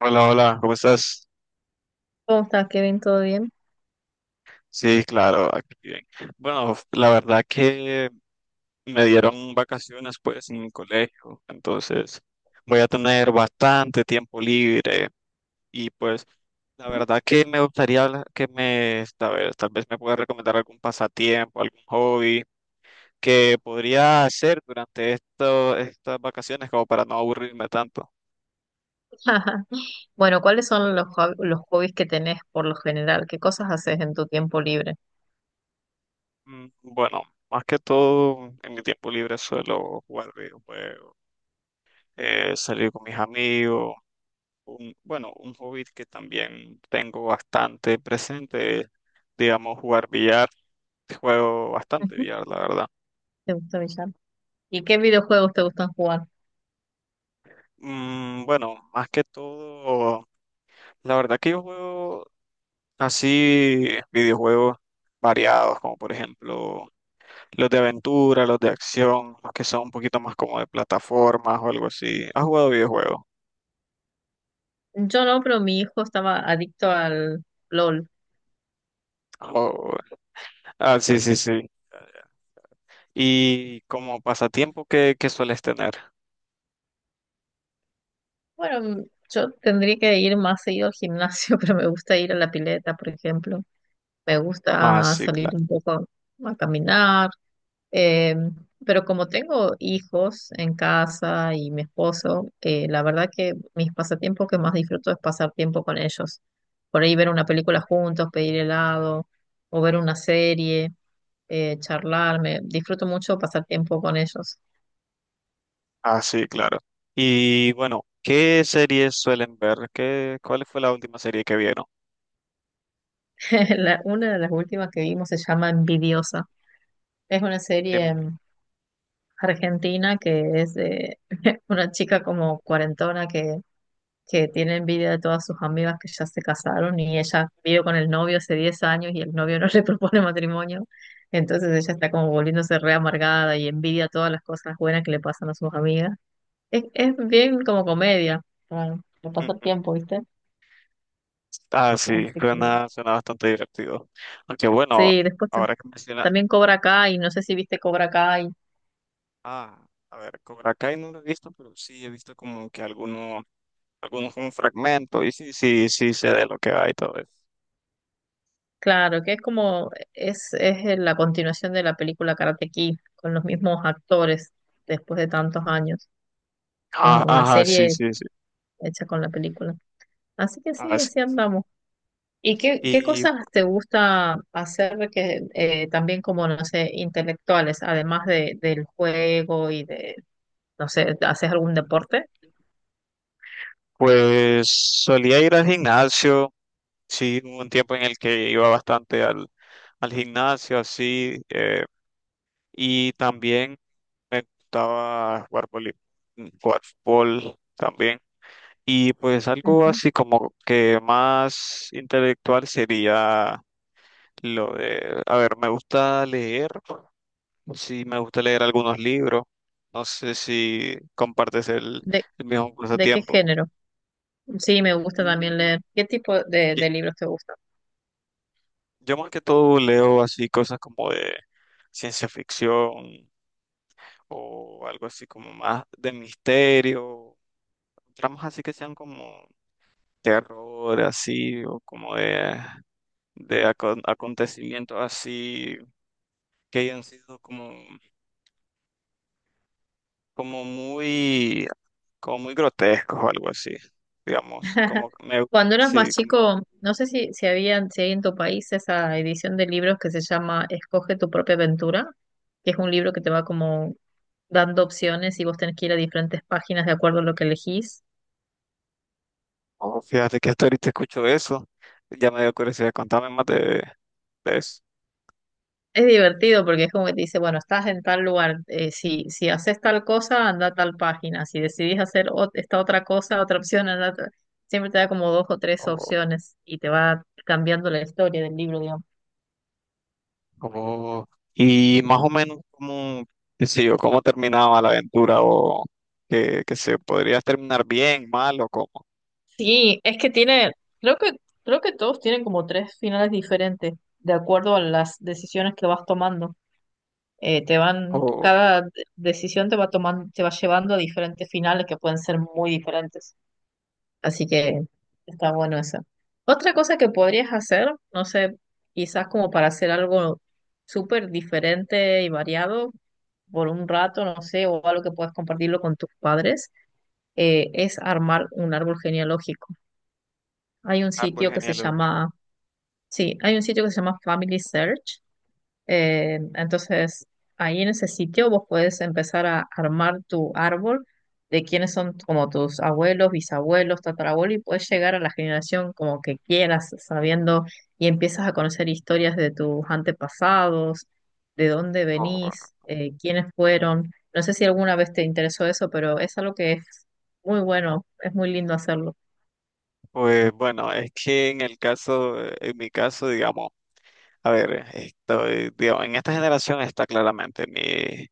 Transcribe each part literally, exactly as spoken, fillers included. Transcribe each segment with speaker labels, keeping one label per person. Speaker 1: Hola, hola, ¿cómo estás?
Speaker 2: ¿Cómo estás, Kevin? ¿Todo bien?
Speaker 1: Sí, claro, aquí bien. Bueno, la verdad que me dieron vacaciones pues en el colegio, entonces voy a tener bastante tiempo libre y pues la
Speaker 2: Mm.
Speaker 1: verdad que me gustaría la- que me, tal vez, tal vez me pueda recomendar algún pasatiempo, algún hobby que podría hacer durante esto, estas vacaciones como para no aburrirme tanto.
Speaker 2: Bueno, ¿cuáles son los, hob- los hobbies que tenés por lo general? ¿Qué cosas haces en tu tiempo libre?
Speaker 1: Mm, Bueno, más que todo en mi tiempo libre suelo jugar videojuegos eh, salir con mis amigos. Un- bueno, un hobby que también tengo bastante presente, digamos, jugar billar. Juego bastante
Speaker 2: Ujú.
Speaker 1: billar, la verdad.
Speaker 2: ¿Te gusta billar? ¿Y qué videojuegos te gustan jugar?
Speaker 1: Mm, bueno, más que todo, la verdad que yo juego así videojuegos variados, como por ejemplo los de aventura, los de acción, los que son un poquito más como de plataformas o algo así. ¿Has jugado videojuegos?
Speaker 2: Yo no, pero mi hijo estaba adicto al LOL.
Speaker 1: Oh, ah, sí, sí, sí. ¿Y como pasatiempo qué, qué sueles tener?
Speaker 2: Bueno, mm, yo tendría que ir más seguido al gimnasio, pero me gusta ir a la pileta, por ejemplo. Me
Speaker 1: Ah,
Speaker 2: gusta
Speaker 1: sí,
Speaker 2: salir
Speaker 1: claro.
Speaker 2: un poco a caminar. Eh, pero como tengo hijos en casa y mi esposo, eh, la verdad que mis pasatiempos que más disfruto es pasar tiempo con ellos. Por ahí ver una película juntos, pedir helado o ver una serie, eh, charlar. Me disfruto mucho pasar tiempo con ellos.
Speaker 1: Ah, sí, claro. Y bueno, ¿qué series suelen ver? ¿Qué, ¿cuál fue la última serie que vieron?
Speaker 2: La- una de las últimas que vimos se llama Envidiosa. Es una serie
Speaker 1: En-
Speaker 2: mm, argentina que es de una chica como cuarentona que que tiene envidia de todas sus amigas que ya se casaron y ella vive con el novio hace diez años y el novio no le propone matrimonio. Entonces ella está como volviéndose re amargada y envidia todas las cosas buenas que le pasan a sus amigas. Es, es bien como comedia, para, para pasar
Speaker 1: Ujú.
Speaker 2: tiempo, ¿viste?
Speaker 1: Ah, sí,
Speaker 2: Así que
Speaker 1: suena, suena bastante divertido. Aunque bueno,
Speaker 2: sí, después te-
Speaker 1: ahora que menciona,
Speaker 2: también Cobra Kai, no sé si viste Cobra Kai.
Speaker 1: ah, a ver, Cobra Kai no lo he visto, pero sí he visto como que algunos algunos como fragmentos y sí, sí, sí sé de lo que va y todo eso.
Speaker 2: Claro, que es como, es, es la continuación de la película Karate Kid, con los mismos actores después de tantos años. Es
Speaker 1: Ah,
Speaker 2: una
Speaker 1: ajá, sí,
Speaker 2: serie
Speaker 1: sí, sí.
Speaker 2: hecha con la película. Así que
Speaker 1: Ah,
Speaker 2: sí,
Speaker 1: sí.
Speaker 2: así
Speaker 1: Sí.
Speaker 2: andamos. ¿Y qué, qué
Speaker 1: Y
Speaker 2: cosas te gusta hacer que eh, también como, no sé, intelectuales, además de, del juego y de, no sé, ¿haces algún deporte?
Speaker 1: pues solía ir al gimnasio. Sí, hubo un tiempo en el que iba bastante al, al gimnasio, así, eh, y también me gustaba jugar voli- jugar fútbol también. Y pues algo
Speaker 2: Ujú.
Speaker 1: así como que más intelectual sería lo de, a ver, me gusta leer, sí, me gusta leer algunos libros, no sé si compartes el,
Speaker 2: ¿De,
Speaker 1: el mismo
Speaker 2: de qué
Speaker 1: pasatiempo.
Speaker 2: género? Sí, me gusta también
Speaker 1: Mm,
Speaker 2: leer. ¿Qué tipo de,
Speaker 1: y-
Speaker 2: de libros te gustan?
Speaker 1: Yo más que todo leo así cosas como de ciencia ficción, o algo así como más de misterio, tramos así que sean como terror, así, o como de, de aco- acontecimientos así que hayan sido como, como muy, como muy grotescos o algo así, digamos, como me,
Speaker 2: Cuando eras más
Speaker 1: sí, como,
Speaker 2: chico, no sé si, si había, si hay en tu país esa edición de libros que se llama Escoge tu propia aventura, que es un libro que te va como dando opciones y vos tenés que ir a diferentes páginas de acuerdo a lo que elegís.
Speaker 1: oh, fíjate que hasta ahorita escucho eso, ya me dio curiosidad, contame más de, de eso.
Speaker 2: Es divertido porque es como que te dice, bueno, estás en tal lugar, eh, si, si haces tal cosa, anda a tal página, si decidís hacer ot- esta otra cosa, otra opción, anda a otra. Siempre te da como dos o tres opciones y te va cambiando la historia del libro, digamos.
Speaker 1: Oh, y más o menos cómo, qué sé yo, cómo terminaba la aventura o que, que se podría terminar bien, mal o cómo,
Speaker 2: Sí, es que tiene, creo que, creo que todos tienen como tres finales diferentes, de acuerdo a las decisiones que vas tomando. Eh, te van,
Speaker 1: o
Speaker 2: cada de- decisión te va tomando, te va llevando a diferentes finales que pueden ser muy diferentes. Así que está bueno eso. Otra cosa que podrías hacer, no sé, quizás como para hacer algo súper diferente y variado por un rato, no sé, o algo que puedas compartirlo con tus padres, eh, es armar un árbol genealógico. Hay un
Speaker 1: árbol
Speaker 2: sitio que se
Speaker 1: genealógico.
Speaker 2: llama, sí, hay un sitio que se llama Family Search. Eh, entonces, ahí en ese sitio vos podés empezar a armar tu árbol de quiénes son como tus abuelos, bisabuelos, tatarabuelos, y puedes llegar a la generación como que quieras, sabiendo, y empiezas a conocer historias de tus antepasados, de dónde
Speaker 1: o-
Speaker 2: venís, eh, quiénes fueron. No sé si alguna vez te interesó eso, pero es algo que es muy bueno, es muy lindo hacerlo.
Speaker 1: pues bueno, es que en el caso, en mi caso, digamos, a ver, estoy, digamos, en esta generación está claramente mi,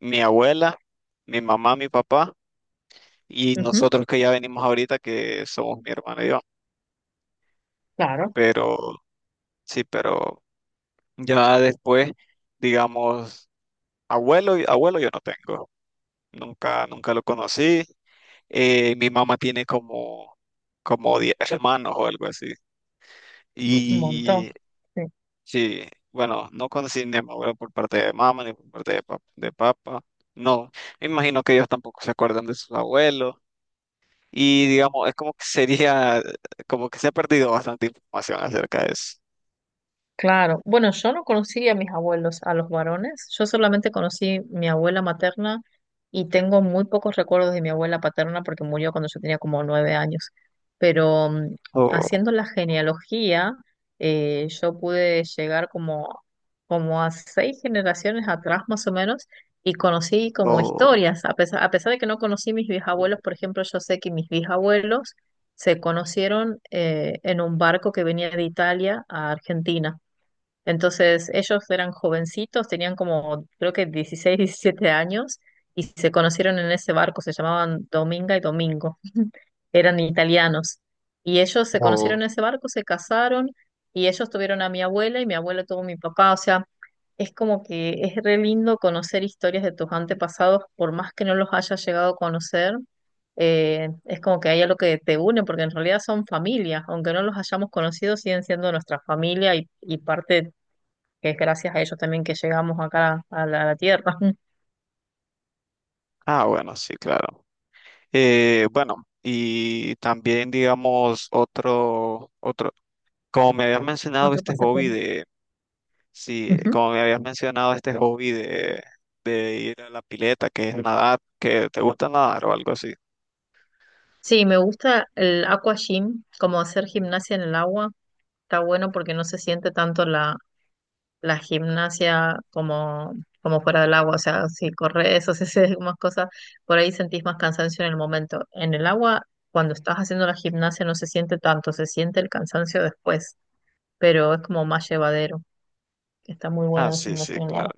Speaker 1: mi abuela, mi mamá, mi papá y
Speaker 2: Ujú,
Speaker 1: nosotros que ya venimos ahorita que somos mi hermano y yo,
Speaker 2: claro.
Speaker 1: pero sí, pero ya después digamos. Abuelo, y- abuelo yo no tengo. Nunca, nunca lo conocí. Eh, mi mamá tiene como, como diez hermanos o algo así.
Speaker 2: Un montón.
Speaker 1: Y
Speaker 2: Sí.
Speaker 1: sí, bueno, no conocí ni a mi abuelo por parte de mamá ni por parte de, pap- de papá. No, me imagino que ellos tampoco se acuerdan de sus abuelos. Y digamos, es como que sería, como que se ha perdido bastante información acerca de eso.
Speaker 2: Claro, bueno, yo no conocí a mis abuelos, a los varones, yo solamente conocí mi abuela materna y tengo muy pocos recuerdos de mi abuela paterna porque murió cuando yo tenía como nueve años. Pero mm,
Speaker 1: O,
Speaker 2: haciendo la genealogía, eh, yo pude llegar como, como a seis generaciones atrás más o menos y conocí como
Speaker 1: o,
Speaker 2: historias, a pesar, a pesar de que no conocí mis bisabuelos, por ejemplo, yo sé que mis bisabuelos se conocieron eh, en un barco que venía de Italia a Argentina. Entonces, ellos eran jovencitos, tenían como, creo que dieciséis, diecisiete años, y se conocieron en ese barco, se llamaban Dominga y Domingo, eran italianos. Y ellos se
Speaker 1: o-
Speaker 2: conocieron en ese barco, se casaron, y ellos tuvieron a mi abuela, y mi abuela tuvo a mi papá. O sea, es como que es re lindo conocer historias de tus antepasados, por más que no los hayas llegado a conocer. Eh, es como que hay algo que te une, porque en realidad son familias, aunque no los hayamos conocido, siguen siendo nuestra familia y, y parte que es gracias a ellos también que llegamos acá a la, a la tierra.
Speaker 1: ah, bueno, sí, claro. Eh, bueno, y también digamos otro, otro, como me habías mencionado
Speaker 2: Otro
Speaker 1: este hobby
Speaker 2: pasatiempo.
Speaker 1: de, sí,
Speaker 2: Ujú.
Speaker 1: como me habías mencionado este hobby de, de ir a la pileta, que es nadar, que te gusta nadar o algo así.
Speaker 2: Sí, me gusta el aqua gym, como hacer gimnasia en el agua. Está bueno porque no se siente tanto la, la gimnasia como, como fuera del agua. O sea, si corres o si haces más cosas, por ahí sentís más cansancio en el momento. En el agua, cuando estás haciendo la gimnasia, no se siente tanto, se siente el cansancio después, pero es como más llevadero. Está muy buena
Speaker 1: Ah,
Speaker 2: la
Speaker 1: sí, sí,
Speaker 2: gimnasia en el
Speaker 1: claro.
Speaker 2: agua.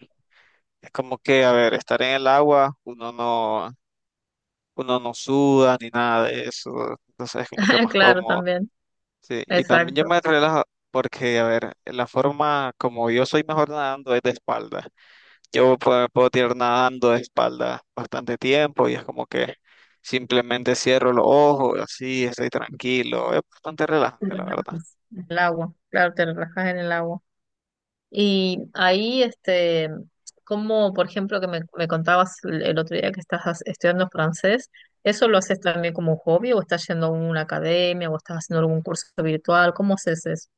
Speaker 1: Es como que, a ver, estar en el agua, uno no, uno no suda ni nada de eso, entonces es como que más
Speaker 2: Claro,
Speaker 1: cómodo.
Speaker 2: también.
Speaker 1: Sí, y también yo
Speaker 2: Exacto.
Speaker 1: me relajo porque, a ver, la forma como yo soy mejor nadando es de espalda. Yo puedo, puedo tirar nadando de espalda bastante tiempo y es como que simplemente cierro los ojos, así estoy tranquilo. Es bastante
Speaker 2: Te
Speaker 1: relajante, la verdad.
Speaker 2: relajas. En el agua, claro, te relajas en el agua. Y ahí, este, como por ejemplo que me, me contabas el el otro día que estás as- estudiando francés, ¿eso lo haces también como hobby o estás yendo a una academia o estás haciendo algún curso virtual? ¿Cómo haces eso?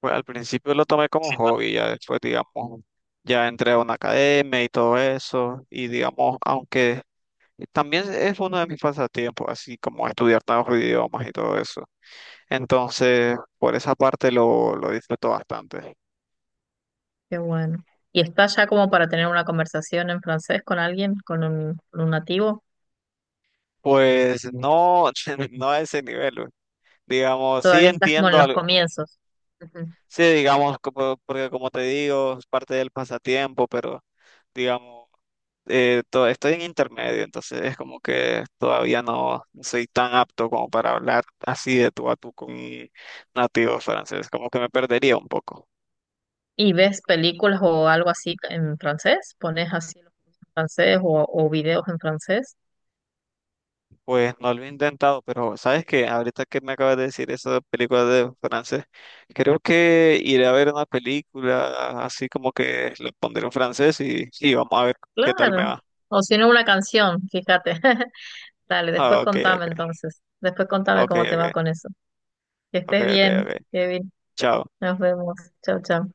Speaker 1: Pues al principio lo tomé como un hobby, ya después, digamos, ya entré a una academia y todo eso. Y digamos, aunque también es uno de mis pasatiempos, así como estudiar nuevos idiomas y todo eso. Entonces, por esa parte lo, lo disfruto bastante.
Speaker 2: Qué bueno. ¿Y estás ya como para tener una conversación en francés con alguien, con un, con un nativo?
Speaker 1: Pues no, no a ese nivel. Digamos, sí
Speaker 2: Todavía estás como
Speaker 1: entiendo.
Speaker 2: en los comienzos.
Speaker 1: Sí, digamos, como- porque como te digo, es parte del pasatiempo, pero digamos, eh, to- estoy en intermedio, entonces es como que todavía no no soy tan apto como para hablar así de tú a tú con un nativo francés, como que me perdería un poco.
Speaker 2: Y ves películas o algo así en francés, pones así los en francés o, o videos en francés,
Speaker 1: Pues no lo he intentado, pero sabes que ahorita que me acabas de decir eso de películas de francés, creo que iré a ver una película así como que le pondré un francés y, y vamos a ver qué tal me
Speaker 2: claro.
Speaker 1: va.
Speaker 2: O si no, una canción, fíjate. Dale,
Speaker 1: Ah,
Speaker 2: después
Speaker 1: ok,
Speaker 2: contame
Speaker 1: ok,
Speaker 2: entonces. Después contame
Speaker 1: ok,
Speaker 2: cómo te va
Speaker 1: ok.
Speaker 2: con eso. Que
Speaker 1: Ok,
Speaker 2: estés
Speaker 1: ok,
Speaker 2: bien,
Speaker 1: ok.
Speaker 2: Kevin.
Speaker 1: Chao.
Speaker 2: Nos vemos. Chao, chao.